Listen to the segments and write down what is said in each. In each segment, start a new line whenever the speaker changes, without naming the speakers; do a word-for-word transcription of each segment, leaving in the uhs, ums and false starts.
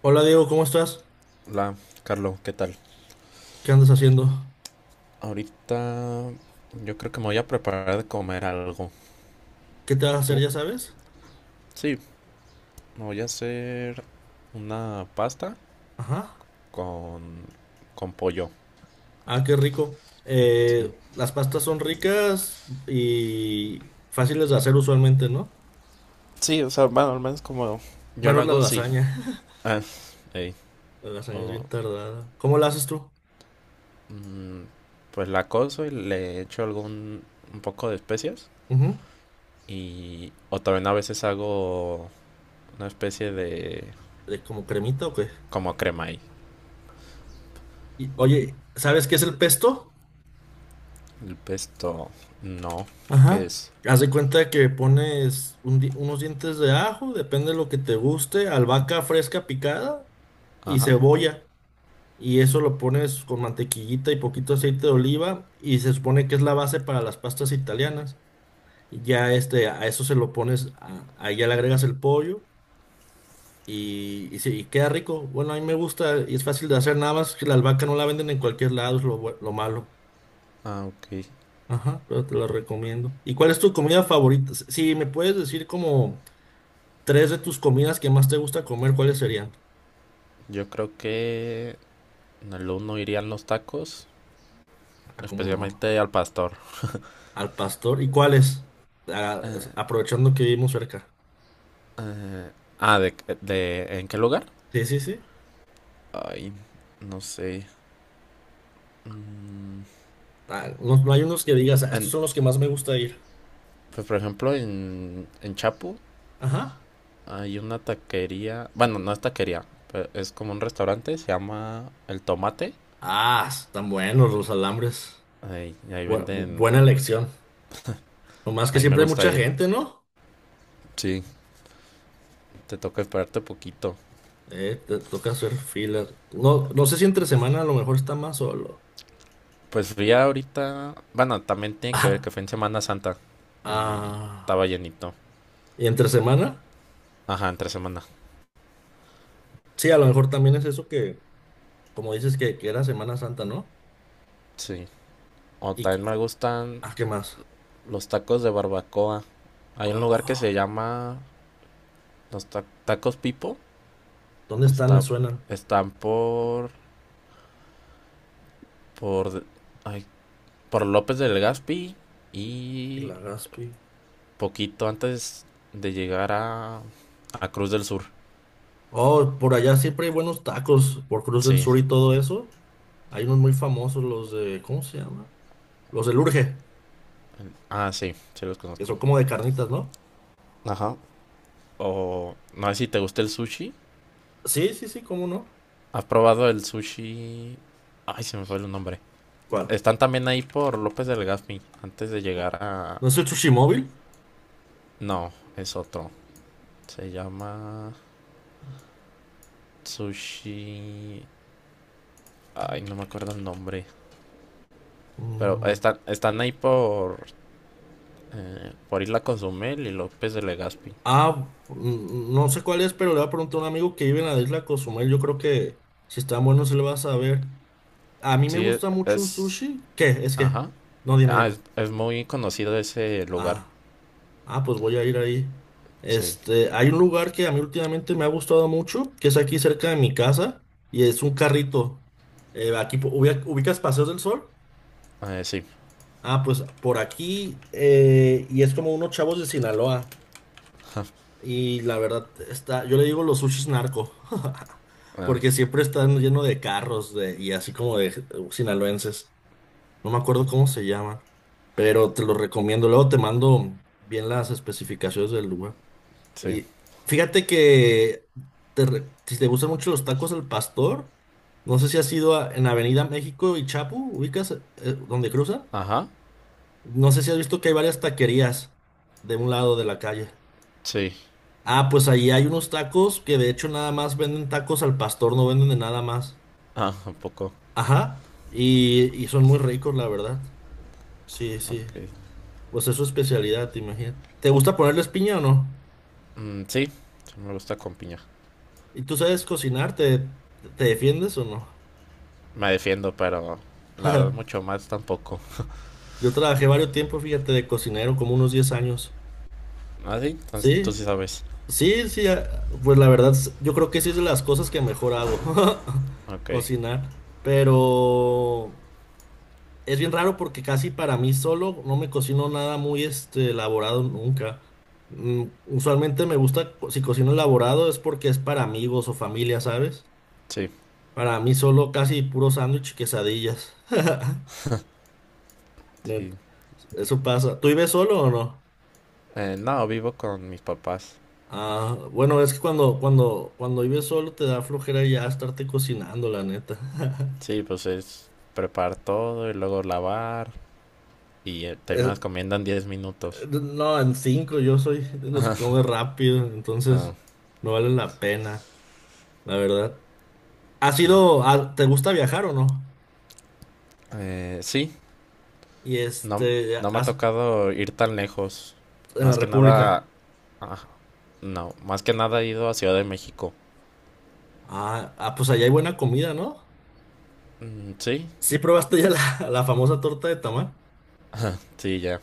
Hola Diego, ¿cómo estás?
Hola, Carlos, ¿qué tal?
¿Qué andas haciendo?
Ahorita yo creo que me voy a preparar de comer algo.
¿Qué te vas a hacer,
¿Tú?
ya sabes?
Sí, me voy a hacer una pasta
Ajá.
con, con pollo.
Ah, qué rico. Eh,
Sí.
las pastas son ricas y fáciles de hacer usualmente, ¿no?
Sí, o sea, bueno, al menos como. Yo lo
Menos la
hago, sí.
lasaña.
Ah, ey,
La lasaña es
o,
bien tardada. ¿Cómo la haces tú?
mm, pues la cozo y le echo algún un poco de especias.
Ujú.
Y, o también a veces hago una especie de
¿De como cremita o qué?
como crema ahí.
Y, oye, ¿sabes qué es el pesto?
El pesto, no, ¿qué
Ajá.
es?
Haz de cuenta que pones un di- unos dientes de ajo, depende de lo que te guste, albahaca fresca picada y
Ajá.
cebolla. Y eso lo pones con mantequillita y poquito aceite de oliva y se supone que es la base para las pastas italianas. Y ya este, a eso se lo pones, a- ahí ya le agregas el pollo y, y, sí, y queda rico. Bueno, a mí me gusta y es fácil de hacer, nada más que la albahaca no la venden en cualquier lado, es lo, bue- lo malo.
Ah, ok.
Ajá, pero te lo recomiendo. ¿Y cuál es tu comida favorita? Si si me puedes decir como tres de tus comidas que más te gusta comer, ¿cuáles serían?
Yo creo que en el uno irían los tacos,
Ah, cómo no.
especialmente al pastor.
Al pastor. ¿Y cuáles? Ah, es-
Eh,
aprovechando que vivimos cerca.
eh, ah, de, de- ¿En qué lugar?
Sí, sí, sí.
Ay, no sé. Mm,
Ah, no, no hay unos que digas, "Ah, estos
en-
son los que más me gusta ir".
pues, por ejemplo, en, en Chapu
Ajá.
hay una taquería. Bueno, no es taquería, pero es como un restaurante, se llama El Tomate.
Ah, están buenos los alambres.
Ay, y ahí
Bu- bu-
venden.
buena elección. Nomás que
Ahí me
siempre hay
gusta
mucha
ir.
gente, ¿no?
Sí, te toca esperarte poquito.
Eh, te toca hacer filas. No, no sé si entre semana a lo mejor está más solo.
Pues fui ahorita, bueno, también tiene que ver
Ah,
que fue en Semana Santa y
ah.
estaba llenito.
¿Y entre semana?
Ajá, entre semana.
Sí, a lo mejor también es eso que, como dices, que, que era Semana Santa, ¿no?
Sí. O
¿Y
también me
que-
gustan
ah, ¿qué más?
los tacos de barbacoa. Hay un lugar que se
Oh,
llama los ta- tacos Pipo.
¿dónde están? Me
Está,
suenan.
están por, por, ay, por López del Gaspi y
La Gaspi.
poquito antes de llegar a, a Cruz del Sur.
Oh, por allá siempre hay buenos tacos por Cruz del
Sí.
Sur y todo eso. Hay unos muy famosos, los de, ¿cómo se llama? Los del Urge,
Ah, sí, sí los
que
conozco.
son como de carnitas, ¿no?
Ajá. O no sé si te gusta el sushi.
Sí, sí, sí, ¿cómo no?
¿Has probado el sushi? Ay, se me fue el nombre.
¿Cuál?
Están también ahí por López del Gaspi, antes de llegar a.
¿No es el Sushi Móvil?
No, es otro. Se llama Sushi. Ay, no me acuerdo el nombre. Pero
Mm,
están, están ahí por, eh, por Isla Consumel y López de Legazpi.
ah, mm, no sé cuál es, pero le voy a preguntar a un amigo que vive en la isla Cozumel. Yo creo que si están buenos se le va a saber. A mí me
Sí, e-
gusta mucho un
es.
sushi. ¿Qué? Es que,
Ajá.
no, dime,
Ah,
dime.
es, es muy conocido ese lugar.
Ah. Ah, pues voy a ir ahí.
Sí.
Este, hay un lugar que a mí últimamente me ha gustado mucho, que es aquí cerca de mi casa, y es un carrito. Eh, aquí po- ubi- ubicas Paseos del Sol.
Eh, sí.
Ah, pues por aquí, eh, y es como unos chavos de Sinaloa. Y la verdad, está, yo le digo los sushis narco,
Ah,
porque siempre están llenos de carros de, y así como de eh, sinaloenses. No me acuerdo cómo se llama, pero te lo recomiendo. Luego te mando bien las especificaciones del lugar.
sí.
Y fíjate que te re- si te gustan mucho los tacos al pastor, no sé si has ido a- en Avenida México y Chapu, ubicas eh, eh, donde cruzan.
Ajá.
No sé si has visto que hay varias taquerías de un lado de la calle.
Sí.
Ah, pues ahí hay unos tacos que de hecho nada más venden tacos al pastor, no venden de nada más.
Ah, un poco.
Ajá. Y, y son muy ricos, la verdad. Sí, sí.
Ok.
Pues es su especialidad, te imagino. ¿Te gusta ponerles piña o no?
Mm, sí, sí me gusta con piña.
¿Y tú sabes cocinar? ¿Te, te defiendes o no?
Me defiendo, pero la verdad mucho más tampoco.
Yo trabajé varios tiempos, fíjate, de cocinero, como unos diez años.
¿Ah, sí? Entonces tú
Sí,
sí sabes.
sí, sí, ah, pues la verdad, s- yo creo que sí es de las cosas que mejor hago,
Ok,
cocinar. Pero es bien raro porque casi para mí solo no me cocino nada muy este, elaborado nunca. Mm, usualmente me gusta, co- si cocino elaborado es porque es para amigos o familia, ¿sabes?
sí,
Para mí solo casi puro sándwich y quesadillas.
sí.
Net, eso pasa. ¿Tú vives solo o no?
Eh, no, vivo con mis papás.
Ah, bueno, es que cuando, cuando, cuando vives solo te da flojera ya estarte cocinando, la neta.
Sí, pues es preparar todo y luego lavar y eh,
Es-
terminas comiendo en diez minutos.
no, en cinco yo soy de los que come rápido,
Ah,
entonces no vale la pena, la verdad. ¿Has
ya.
ido, a- te gusta viajar o no?
Eh, sí,
Y
no,
este,
no me ha
has-
tocado ir tan lejos.
en la
Más que nada.
República.
Ah, no, más que nada he ido a Ciudad de México.
Ah, ah, pues allá hay buena comida, ¿no?
Mm, sí,
Sí, probaste ya la, la famosa torta de tamal.
sí, ya.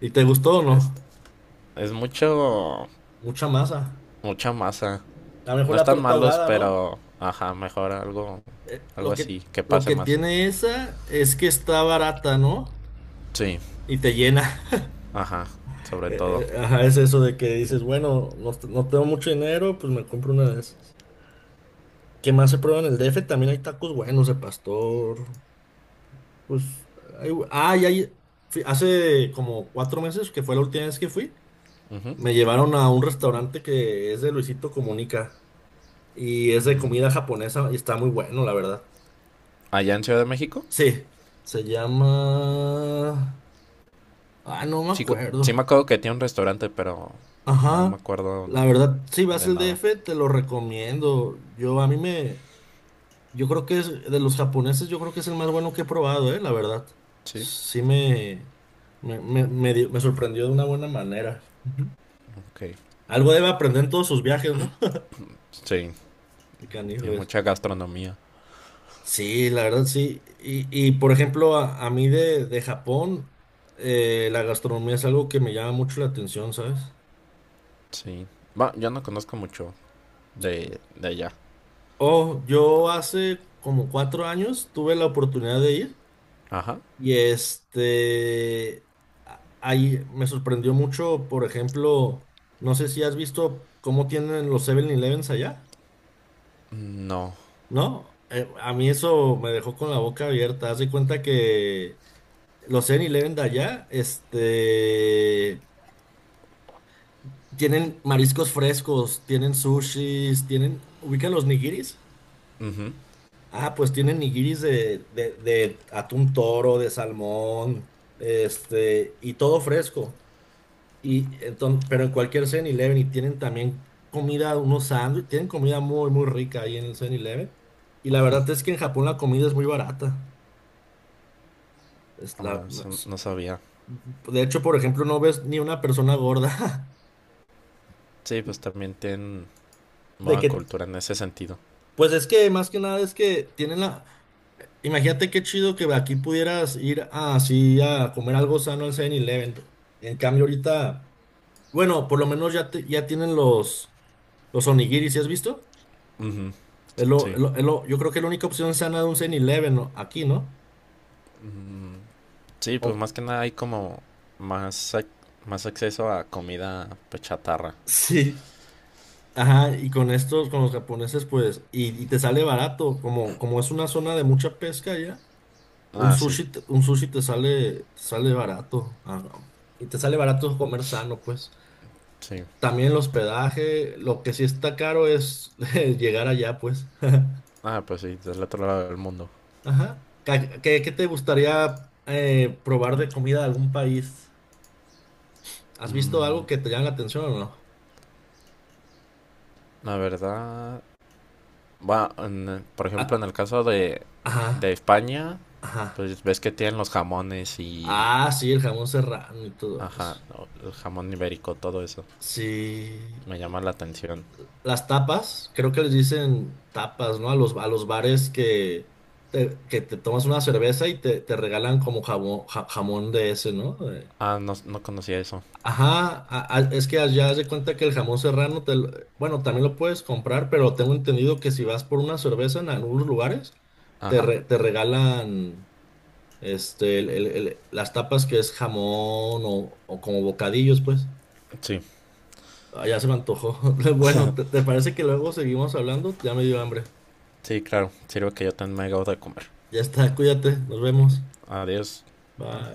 ¿Y te gustó o
Es
no?
Es mucho,
Mucha masa.
mucha masa.
A lo
No
mejor la
están
torta
malos,
ahogada, ¿no?
pero, ajá, mejor algo,
Eh,
algo
Lo
así,
que,
que
lo
pase
que
más.
tiene esa es que está barata, ¿no?
Sí.
Y te llena.
Ajá, sobre todo.
Eh, eh, Ajá, es eso de que dices, bueno, no, t- no tengo mucho dinero, pues me compro una de esas. ¿Qué más se prueba en el D F? También hay tacos buenos de pastor. Pues, hay, ah, y hay- fui- hace como cuatro meses, que fue la última vez que fui,
Ujú.
me llevaron a un restaurante que es de Luisito Comunica y es de comida japonesa y está muy bueno, la verdad.
Allá en Ciudad de México,
Sí, se llama... Ah, no me
sí, co-
acuerdo.
sí me acuerdo que tiene un restaurante, pero no me
Ajá,
acuerdo
la verdad, si vas
de
al
nada.
D F, te lo recomiendo. Yo a mí me, yo creo que es de los japoneses, yo creo que es el más bueno que he probado, eh, la verdad.
Sí.
Sí me, me, me, me dio- me sorprendió de una buena manera. Ujú.
Ok.
Algo debe aprender en todos sus viajes, ¿no?
Sí,
Qué canijo
tiene
es.
mucha gastronomía.
Sí, la verdad, sí. Y, y, por ejemplo, a, a mí de, de Japón, eh, la gastronomía es algo que me llama mucho la atención, ¿sabes?
Sí. Va, yo no conozco mucho de, de allá.
Oh, yo hace como cuatro años tuve la oportunidad de ir.
Ajá.
Y este, a- ahí me sorprendió mucho, por ejemplo, no sé si has visto cómo tienen los Seven elevens allá,
No.
¿no? Eh, a mí eso me dejó con la boca abierta. Haz de cuenta que los Seven eleven de allá, este, tienen mariscos frescos, tienen sushis, tienen, ubican los nigiris.
Ujú.
Ah, pues tienen nigiris de, de, de atún toro, de salmón, este, y todo fresco. Y entonces, pero en cualquier Seven eleven y tienen también comida, unos sándwiches, tienen comida muy, muy rica ahí en el Seven eleven. Y la verdad es que en Japón la comida es muy barata. Es la,
Ah, eso
es-
no sabía.
de hecho, por ejemplo, no ves ni una persona gorda.
Sí, pues también tienen
De
buena
que,
cultura en ese sentido.
pues es que más que nada es que tienen la... Imagínate qué chido que aquí pudieras ir a- así a comer algo sano al Seven eleven. En cambio, ahorita, bueno, por lo menos ya, te- ya tienen los, los onigiris, ¿sí has visto?
Ujú,
Es lo, es
sí.
lo- es lo- yo creo que la única opción sana de un siete-Eleven, ¿no? Aquí, ¿no?
Mm, sí, pues
O-
más que nada hay como más, ac- más acceso a comida pues, chatarra.
sí. Ajá, y con estos, con los japoneses, pues, y, y te sale barato, como, como es una zona de mucha pesca ya, un
Ah, sí,
sushi, te- un sushi te sale, te sale barato, ah, y te sale barato comer sano, pues.
sí.
También el hospedaje, lo que sí está caro es llegar allá, pues.
Ah, pues sí, del otro lado del mundo.
Ajá. Ca- ¿Qué, qué te gustaría eh, probar de comida de algún país? ¿Has visto algo
Mm,
que te llame la atención o
la verdad, va, en- por ejemplo, en
no?
el caso de, de
Ajá,
España,
ajá.
pues ves que tienen los jamones y.
Ah, sí, el jamón serrano y todo
Ajá,
eso.
o- el jamón ibérico, todo eso.
Sí.
Me llama la atención.
Las tapas, creo que les dicen tapas, ¿no? A los, a los bares que te, que te tomas una cerveza y te, te regalan como jamón, ja- jamón de ese, ¿no? De-
Ah, no, no conocía eso.
Ajá, a- a- es que allá haz de cuenta que el jamón serrano, te lo- bueno, también lo puedes comprar, pero tengo entendido que si vas por una cerveza en algunos lugares, te,
Ajá,
re- te regalan este, el- el- el- las tapas que es jamón o, o como bocadillos, pues.
sí,
Ah, ya se me antojó. Bueno, ¿te, te parece que luego seguimos hablando? Ya me dio hambre.
sí, claro. Sirve que yo también me acabo de comer.
Ya está, cuídate, nos vemos.
Adiós.
Bye.